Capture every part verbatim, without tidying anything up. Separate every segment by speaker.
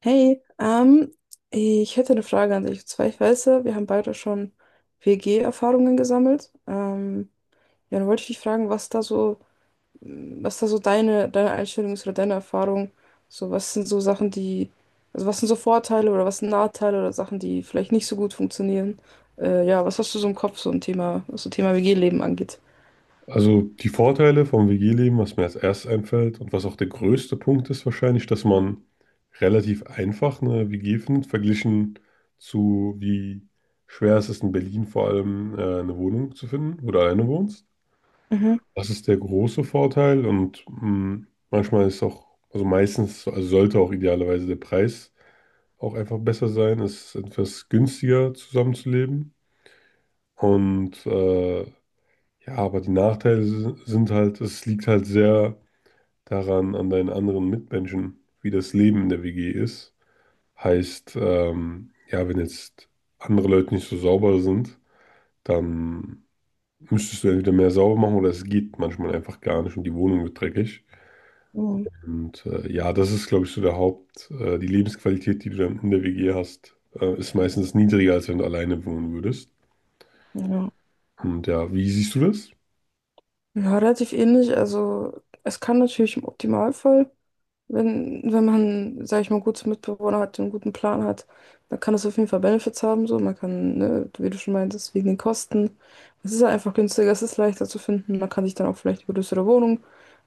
Speaker 1: Hey, ähm, ich hätte eine Frage an dich. Und zwar, ich weiß ja, wir haben beide schon W G-Erfahrungen gesammelt. Ähm, ja, dann wollte ich dich fragen, was da so, mm, was da so deine, deine Einstellung ist oder deine Erfahrung. So, was sind so Sachen, die, also was sind so Vorteile oder was sind Nachteile oder Sachen, die vielleicht nicht so gut funktionieren? Äh, ja, was hast du so im Kopf, so ein Thema, was so Thema W G-Leben angeht?
Speaker 2: Also die Vorteile vom W G-Leben, was mir als erstes einfällt und was auch der größte Punkt ist wahrscheinlich, dass man relativ einfach eine W G findet, verglichen zu wie schwer es ist in Berlin vor allem, äh, eine Wohnung zu finden, wo du alleine wohnst.
Speaker 1: Mhm.
Speaker 2: Das ist der große Vorteil und mh, manchmal ist auch, also meistens, also sollte auch idealerweise der Preis auch einfach besser sein. Es ist etwas günstiger zusammenzuleben und äh, ja, aber die Nachteile si- sind halt, es liegt halt sehr daran an deinen anderen Mitmenschen, wie das Leben in der W G ist. Heißt, ähm, ja, wenn jetzt andere Leute nicht so sauber sind, dann müsstest du entweder mehr sauber machen oder es geht manchmal einfach gar nicht und die Wohnung wird dreckig.
Speaker 1: Mhm.
Speaker 2: Und äh, ja, das ist, glaube ich, so der Haupt, äh, die Lebensqualität, die du dann in der W G hast, äh, ist meistens niedriger, als wenn du alleine wohnen würdest.
Speaker 1: Ja.
Speaker 2: Und ja, wie siehst du das?
Speaker 1: Ja, relativ ähnlich. Also es kann natürlich im Optimalfall. Wenn, wenn man, sag ich mal, gute Mitbewohner hat, einen guten Plan hat, dann kann das auf jeden Fall Benefits haben. So, man kann, ne, wie du schon meintest, wegen den Kosten. Es ist halt einfach günstiger, es ist leichter zu finden. Man kann sich dann auch vielleicht eine größere Wohnung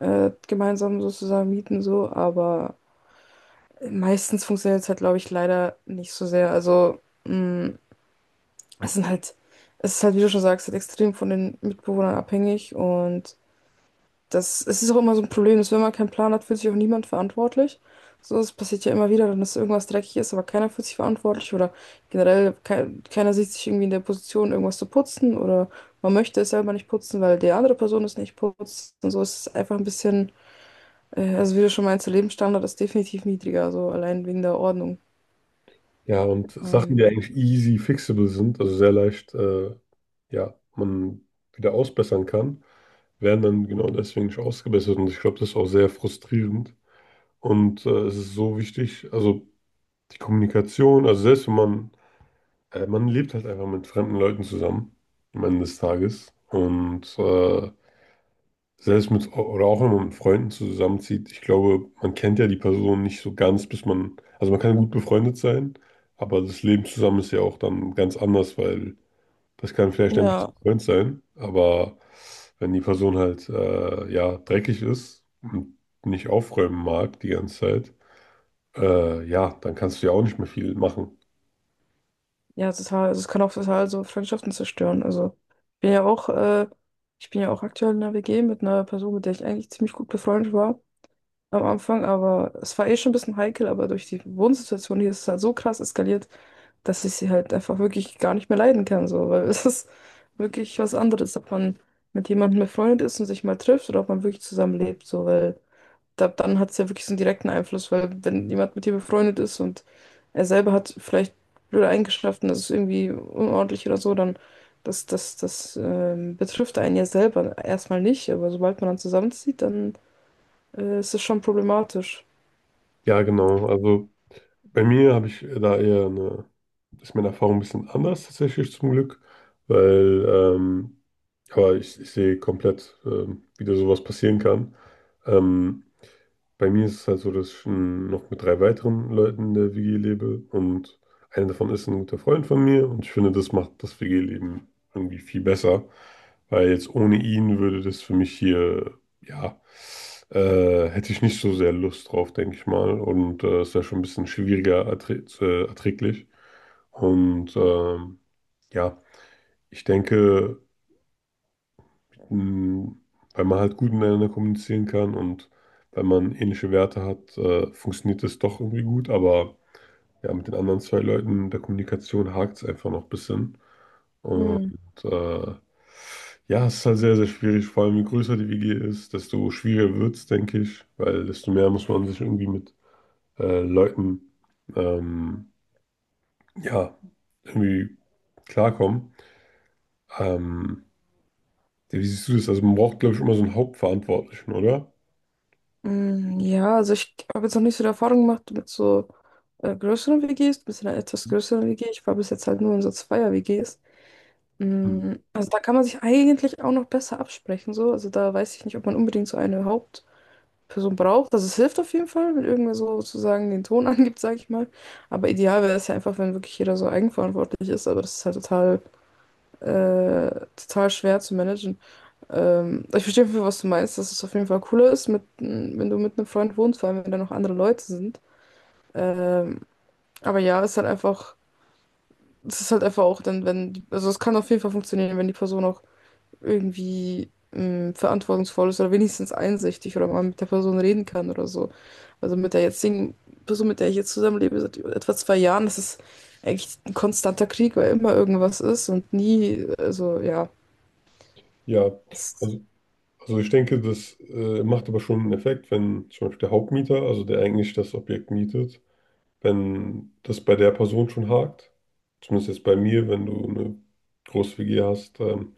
Speaker 1: äh, gemeinsam sozusagen mieten, so. Aber meistens funktioniert es halt, glaube ich, leider nicht so sehr. Also, mh, es sind halt, es ist halt, wie du schon sagst, halt extrem von den Mitbewohnern abhängig und das, es ist auch immer so ein Problem, dass wenn man keinen Plan hat, fühlt sich auch niemand verantwortlich. So, das passiert ja immer wieder, dann dass irgendwas dreckig ist, aber keiner fühlt sich verantwortlich oder generell ke keiner sieht sich irgendwie in der Position, irgendwas zu putzen oder man möchte es selber nicht putzen, weil die andere Person es nicht putzt. Und so ist es einfach ein bisschen, äh, also wie du schon meinst, der Lebensstandard ist definitiv niedriger, so allein wegen der Ordnung.
Speaker 2: Ja, und Sachen,
Speaker 1: Ähm,
Speaker 2: die eigentlich easy fixable sind, also sehr leicht, äh, ja, man wieder ausbessern kann, werden dann genau deswegen nicht ausgebessert. Und ich glaube, das ist auch sehr frustrierend. Und äh, es ist so wichtig, also die Kommunikation, also selbst wenn man, äh, man lebt halt einfach mit fremden Leuten zusammen am Ende des Tages. Und äh, selbst mit, oder auch wenn man mit Freunden zusammenzieht, ich glaube, man kennt ja die Person nicht so ganz, bis man, also man kann gut befreundet sein, aber das Leben zusammen ist ja auch dann ganz anders, weil das kann vielleicht ein bisschen
Speaker 1: ja.
Speaker 2: Freund sein, aber wenn die Person halt, äh, ja, dreckig ist und nicht aufräumen mag die ganze Zeit, äh, ja, dann kannst du ja auch nicht mehr viel machen.
Speaker 1: Ja, total. Also es kann auch total so Freundschaften zerstören. Also ich bin ja auch, äh, ich bin ja auch aktuell in einer W G mit einer Person, mit der ich eigentlich ziemlich gut befreundet war am Anfang, aber es war eh schon ein bisschen heikel, aber durch die Wohnsituation hier ist es halt so krass eskaliert, dass ich sie halt einfach wirklich gar nicht mehr leiden kann, so, weil es ist wirklich was anderes, ob man mit jemandem befreundet ist und sich mal trifft oder ob man wirklich zusammenlebt, so, weil da, dann hat es ja wirklich so einen direkten Einfluss, weil wenn jemand mit dir befreundet ist und er selber hat vielleicht blöde Eigenschaften, das ist irgendwie unordentlich oder so, dann das, das, das ähm, betrifft einen ja selber erstmal nicht, aber sobald man dann zusammenzieht, dann äh, ist es schon problematisch.
Speaker 2: Ja, genau, also bei mir habe ich da eher eine, ist meine Erfahrung ein bisschen anders tatsächlich zum Glück, weil, ähm, aber ich, ich sehe komplett, ähm, wie da sowas passieren kann. Ähm, Bei mir ist es halt so, dass ich ähm, noch mit drei weiteren Leuten in der W G lebe und einer davon ist ein guter Freund von mir und ich finde, das macht das W G-Leben irgendwie viel besser, weil jetzt ohne ihn würde das für mich hier, ja, äh, hätte ich nicht so sehr Lust drauf, denke ich mal und äh, Es wäre schon ein bisschen schwieriger erträ äh, erträglich und ähm, ja, ich denke, Mm, weil man halt gut miteinander kommunizieren kann und wenn man ähnliche Werte hat, äh, funktioniert das doch irgendwie gut. Aber ja, mit den anderen zwei Leuten in der Kommunikation hakt es einfach noch ein bisschen. Und
Speaker 1: Hm.
Speaker 2: äh, ja, es ist halt sehr, sehr schwierig. Vor allem, je größer die W G ist, desto schwieriger wird es, denke ich, weil desto mehr muss man sich irgendwie mit äh, Leuten, ähm, ja, irgendwie klarkommen. Ähm, ja, wie siehst du das? Also man braucht, glaube ich, immer so einen Hauptverantwortlichen, oder?
Speaker 1: Hm, ja, also ich habe jetzt noch nicht so die Erfahrung gemacht mit so äh, größeren W Gs, mit so einer etwas größeren W G. Ich war bis jetzt halt nur in so Zweier-W Gs.
Speaker 2: Hm.
Speaker 1: Mm. Also da kann man sich eigentlich auch noch besser absprechen, so. Also da weiß ich nicht, ob man unbedingt so eine Hauptperson braucht. Also es hilft auf jeden Fall, wenn irgendwer so sozusagen den Ton angibt, sage ich mal. Aber ideal wäre es ja einfach, wenn wirklich jeder so eigenverantwortlich ist. Aber das ist halt total, äh, total schwer zu managen. Ähm, ich verstehe auf jeden Fall, was du meinst, dass es auf jeden Fall cooler ist, mit, mm, wenn du mit einem Freund wohnst, vor allem wenn da noch andere Leute sind. Ähm, aber ja, es ist halt einfach, es ist halt einfach auch dann, wenn, also es kann auf jeden Fall funktionieren, wenn die Person auch irgendwie mh, verantwortungsvoll ist oder wenigstens einsichtig oder man mit der Person reden kann oder so. Also mit der jetzigen Person, mit der ich jetzt zusammenlebe, seit etwa zwei Jahren, das ist eigentlich ein konstanter Krieg, weil immer irgendwas ist und nie, also ja.
Speaker 2: Ja,
Speaker 1: Das,
Speaker 2: also, also ich denke, das äh, macht aber schon einen Effekt, wenn zum Beispiel der Hauptmieter, also der eigentlich das Objekt mietet, wenn das bei der Person schon hakt, zumindest jetzt bei mir, wenn du eine große W G hast, ähm,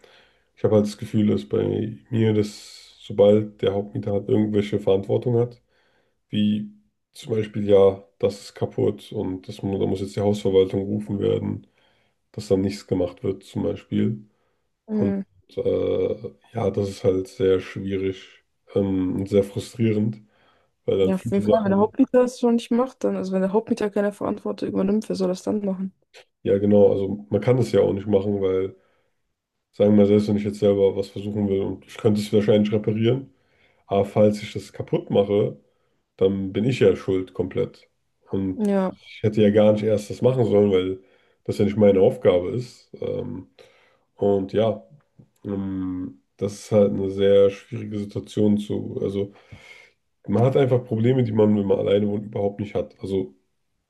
Speaker 2: ich habe halt das Gefühl, dass bei mir, dass sobald der Hauptmieter halt irgendwelche Verantwortung hat, wie zum Beispiel, ja, das ist kaputt und das, mu- da muss jetzt die Hausverwaltung gerufen werden, dass dann nichts gemacht wird zum Beispiel. Und
Speaker 1: mh,
Speaker 2: äh, ja, das ist halt sehr schwierig ähm, und sehr frustrierend, weil dann
Speaker 1: ja, auf jeden
Speaker 2: viele
Speaker 1: Fall, wenn der
Speaker 2: Sachen,
Speaker 1: Hauptmieter das schon nicht macht, dann, also wenn der Hauptmieter keine Verantwortung übernimmt, wer soll das dann machen?
Speaker 2: ja genau, also man kann es ja auch nicht machen, weil, sagen wir mal, selbst wenn ich jetzt selber was versuchen will und ich könnte es wahrscheinlich reparieren, aber falls ich das kaputt mache, dann bin ich ja schuld komplett. Und
Speaker 1: Ja,
Speaker 2: ich hätte ja gar nicht erst das machen sollen, weil das ja nicht meine Aufgabe ist. Ähm, und ja, ähm, das ist halt eine sehr schwierige Situation zu, also. Man hat einfach Probleme, die man, wenn man alleine wohnt, überhaupt nicht hat. Also,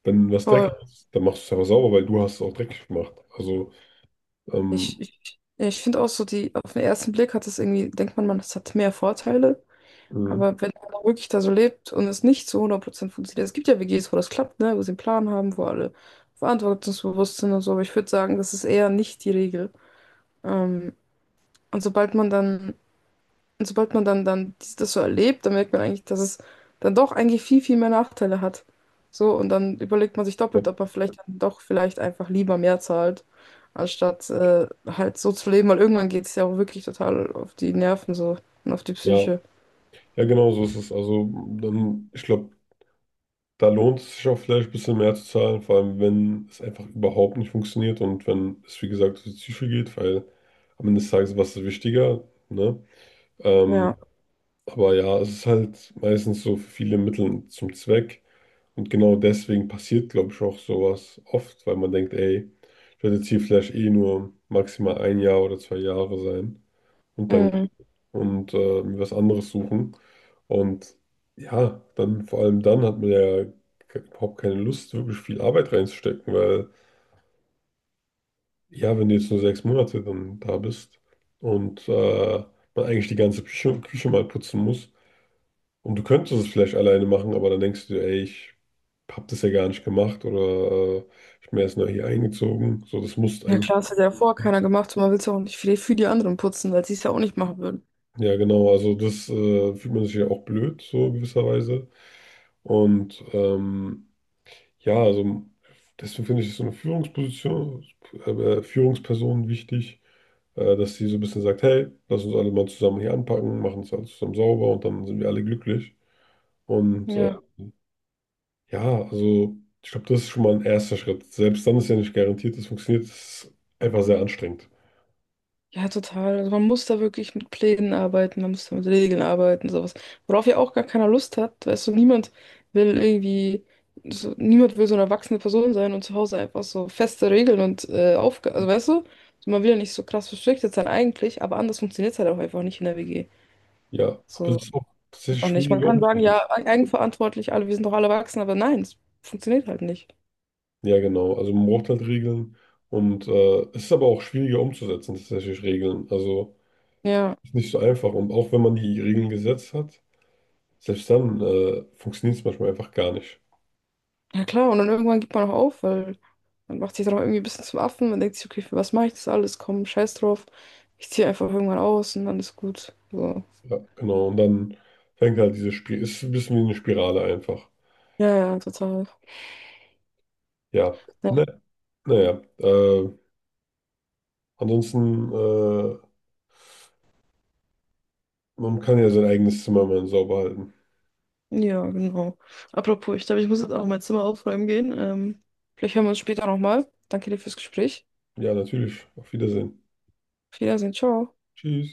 Speaker 2: wenn was
Speaker 1: voll.
Speaker 2: dreckig ist, dann machst du es aber sauber, weil du hast es auch dreckig gemacht. Also, ähm,
Speaker 1: Ich, ich, ich finde auch so, die, auf den ersten Blick hat es irgendwie, denkt man, man, das hat mehr Vorteile.
Speaker 2: Mhm.
Speaker 1: Aber wenn einer wirklich da so lebt und es nicht zu hundert Prozent funktioniert, es gibt ja W Gs, wo das klappt, ne, wo sie einen Plan haben, wo alle verantwortungsbewusst sind und so, aber ich würde sagen, das ist eher nicht die Regel. Ähm, und sobald man dann, und sobald man dann, dann dies- das so erlebt, dann merkt man eigentlich, dass es dann doch eigentlich viel, viel mehr Nachteile hat. So, und dann überlegt man sich
Speaker 2: Ja,
Speaker 1: doppelt, ob man vielleicht dann doch vielleicht einfach lieber mehr zahlt, anstatt äh, halt so zu leben, weil irgendwann geht es ja auch wirklich total auf die Nerven so und auf die Psyche.
Speaker 2: ja, genau so ist es. Also, dann, ich glaube, da lohnt es sich auch vielleicht ein bisschen mehr zu zahlen, vor allem, wenn es einfach überhaupt nicht funktioniert und wenn es, wie gesagt, um die Psyche geht, weil am Ende des Tages, was ist wichtiger, ne? Ähm,
Speaker 1: Ja.
Speaker 2: aber ja, es ist halt meistens so für viele Mittel zum Zweck. Und genau deswegen passiert, glaube ich, auch sowas oft, weil man denkt, ey, ich werde jetzt hier vielleicht eh nur maximal ein Jahr oder zwei Jahre sein und dann gehen
Speaker 1: Mhm.
Speaker 2: und äh, mir was anderes suchen. Und ja, dann vor allem dann hat man ja ke- überhaupt keine Lust, wirklich viel Arbeit reinzustecken, weil ja, wenn du jetzt nur sechs Monate dann da bist und äh, man eigentlich die ganze Küche, Küche mal putzen muss. Und du könntest es vielleicht alleine machen, aber dann denkst du, dir, ey, ich hab das ja gar nicht gemacht oder äh, ich bin erst neu hier eingezogen. So, das musst
Speaker 1: Ja
Speaker 2: eigentlich.
Speaker 1: klar, das hat ja vorher keiner gemacht und man will es auch nicht für die, für die anderen putzen, weil sie es ja auch nicht machen würden.
Speaker 2: Ja, genau. Also das äh, fühlt man sich ja auch blöd, so gewisserweise. Und ähm, ja, also deswegen finde ich so eine Führungsposition, äh, äh, Führungsperson wichtig, äh, dass sie so ein bisschen sagt, hey, lass uns alle mal zusammen hier anpacken, machen es alles zusammen sauber und dann sind wir alle glücklich. Und äh,
Speaker 1: Ja.
Speaker 2: Ja, also ich glaube, das ist schon mal ein erster Schritt. Selbst dann ist ja nicht garantiert, es funktioniert. Es ist einfach sehr anstrengend.
Speaker 1: Ja, total. Also man muss da wirklich mit Plänen arbeiten, man muss da mit Regeln arbeiten, sowas. Worauf ja auch gar keiner Lust hat, weißt du, niemand will irgendwie, so, niemand will so eine erwachsene Person sein und zu Hause einfach so feste Regeln und äh, Aufgaben, also weißt du, so, man will ja nicht so krass verstriktet sein eigentlich, aber anders funktioniert es halt auch einfach nicht in der W G.
Speaker 2: Ja, aber
Speaker 1: So,
Speaker 2: es ist auch tatsächlich
Speaker 1: auch nicht. Man
Speaker 2: schwieriger
Speaker 1: kann sagen,
Speaker 2: umzusetzen.
Speaker 1: ja, eigenverantwortlich, alle, wir sind doch alle erwachsen, aber nein, es funktioniert halt nicht.
Speaker 2: Ja, genau. Also man braucht halt Regeln und äh, es ist aber auch schwieriger umzusetzen, tatsächlich Regeln. Also
Speaker 1: Ja.
Speaker 2: ist nicht so einfach. Und auch wenn man die Regeln gesetzt hat, selbst dann äh, funktioniert es manchmal einfach gar nicht.
Speaker 1: Ja klar, und dann irgendwann gibt man auch auf, weil man macht sich dann auch irgendwie ein bisschen zum Affen. Man denkt sich, okay, für was mache ich das alles? Komm, scheiß drauf. Ich ziehe einfach irgendwann aus und dann ist gut. So.
Speaker 2: Ja, genau. Und dann fängt halt diese Spiel, ist ein bisschen wie eine Spirale einfach.
Speaker 1: Ja, ja, total.
Speaker 2: Ja.
Speaker 1: Ja,
Speaker 2: Ne, naja. Äh, ansonsten. Äh, Man kann ja sein eigenes Zimmer mal sauber halten.
Speaker 1: ja, genau. Apropos, ich glaube, ich muss jetzt auch mein Zimmer aufräumen gehen. Ähm, vielleicht hören wir uns später nochmal. Danke dir fürs Gespräch.
Speaker 2: Ja, natürlich. Auf Wiedersehen.
Speaker 1: Auf Wiedersehen, ciao.
Speaker 2: Tschüss.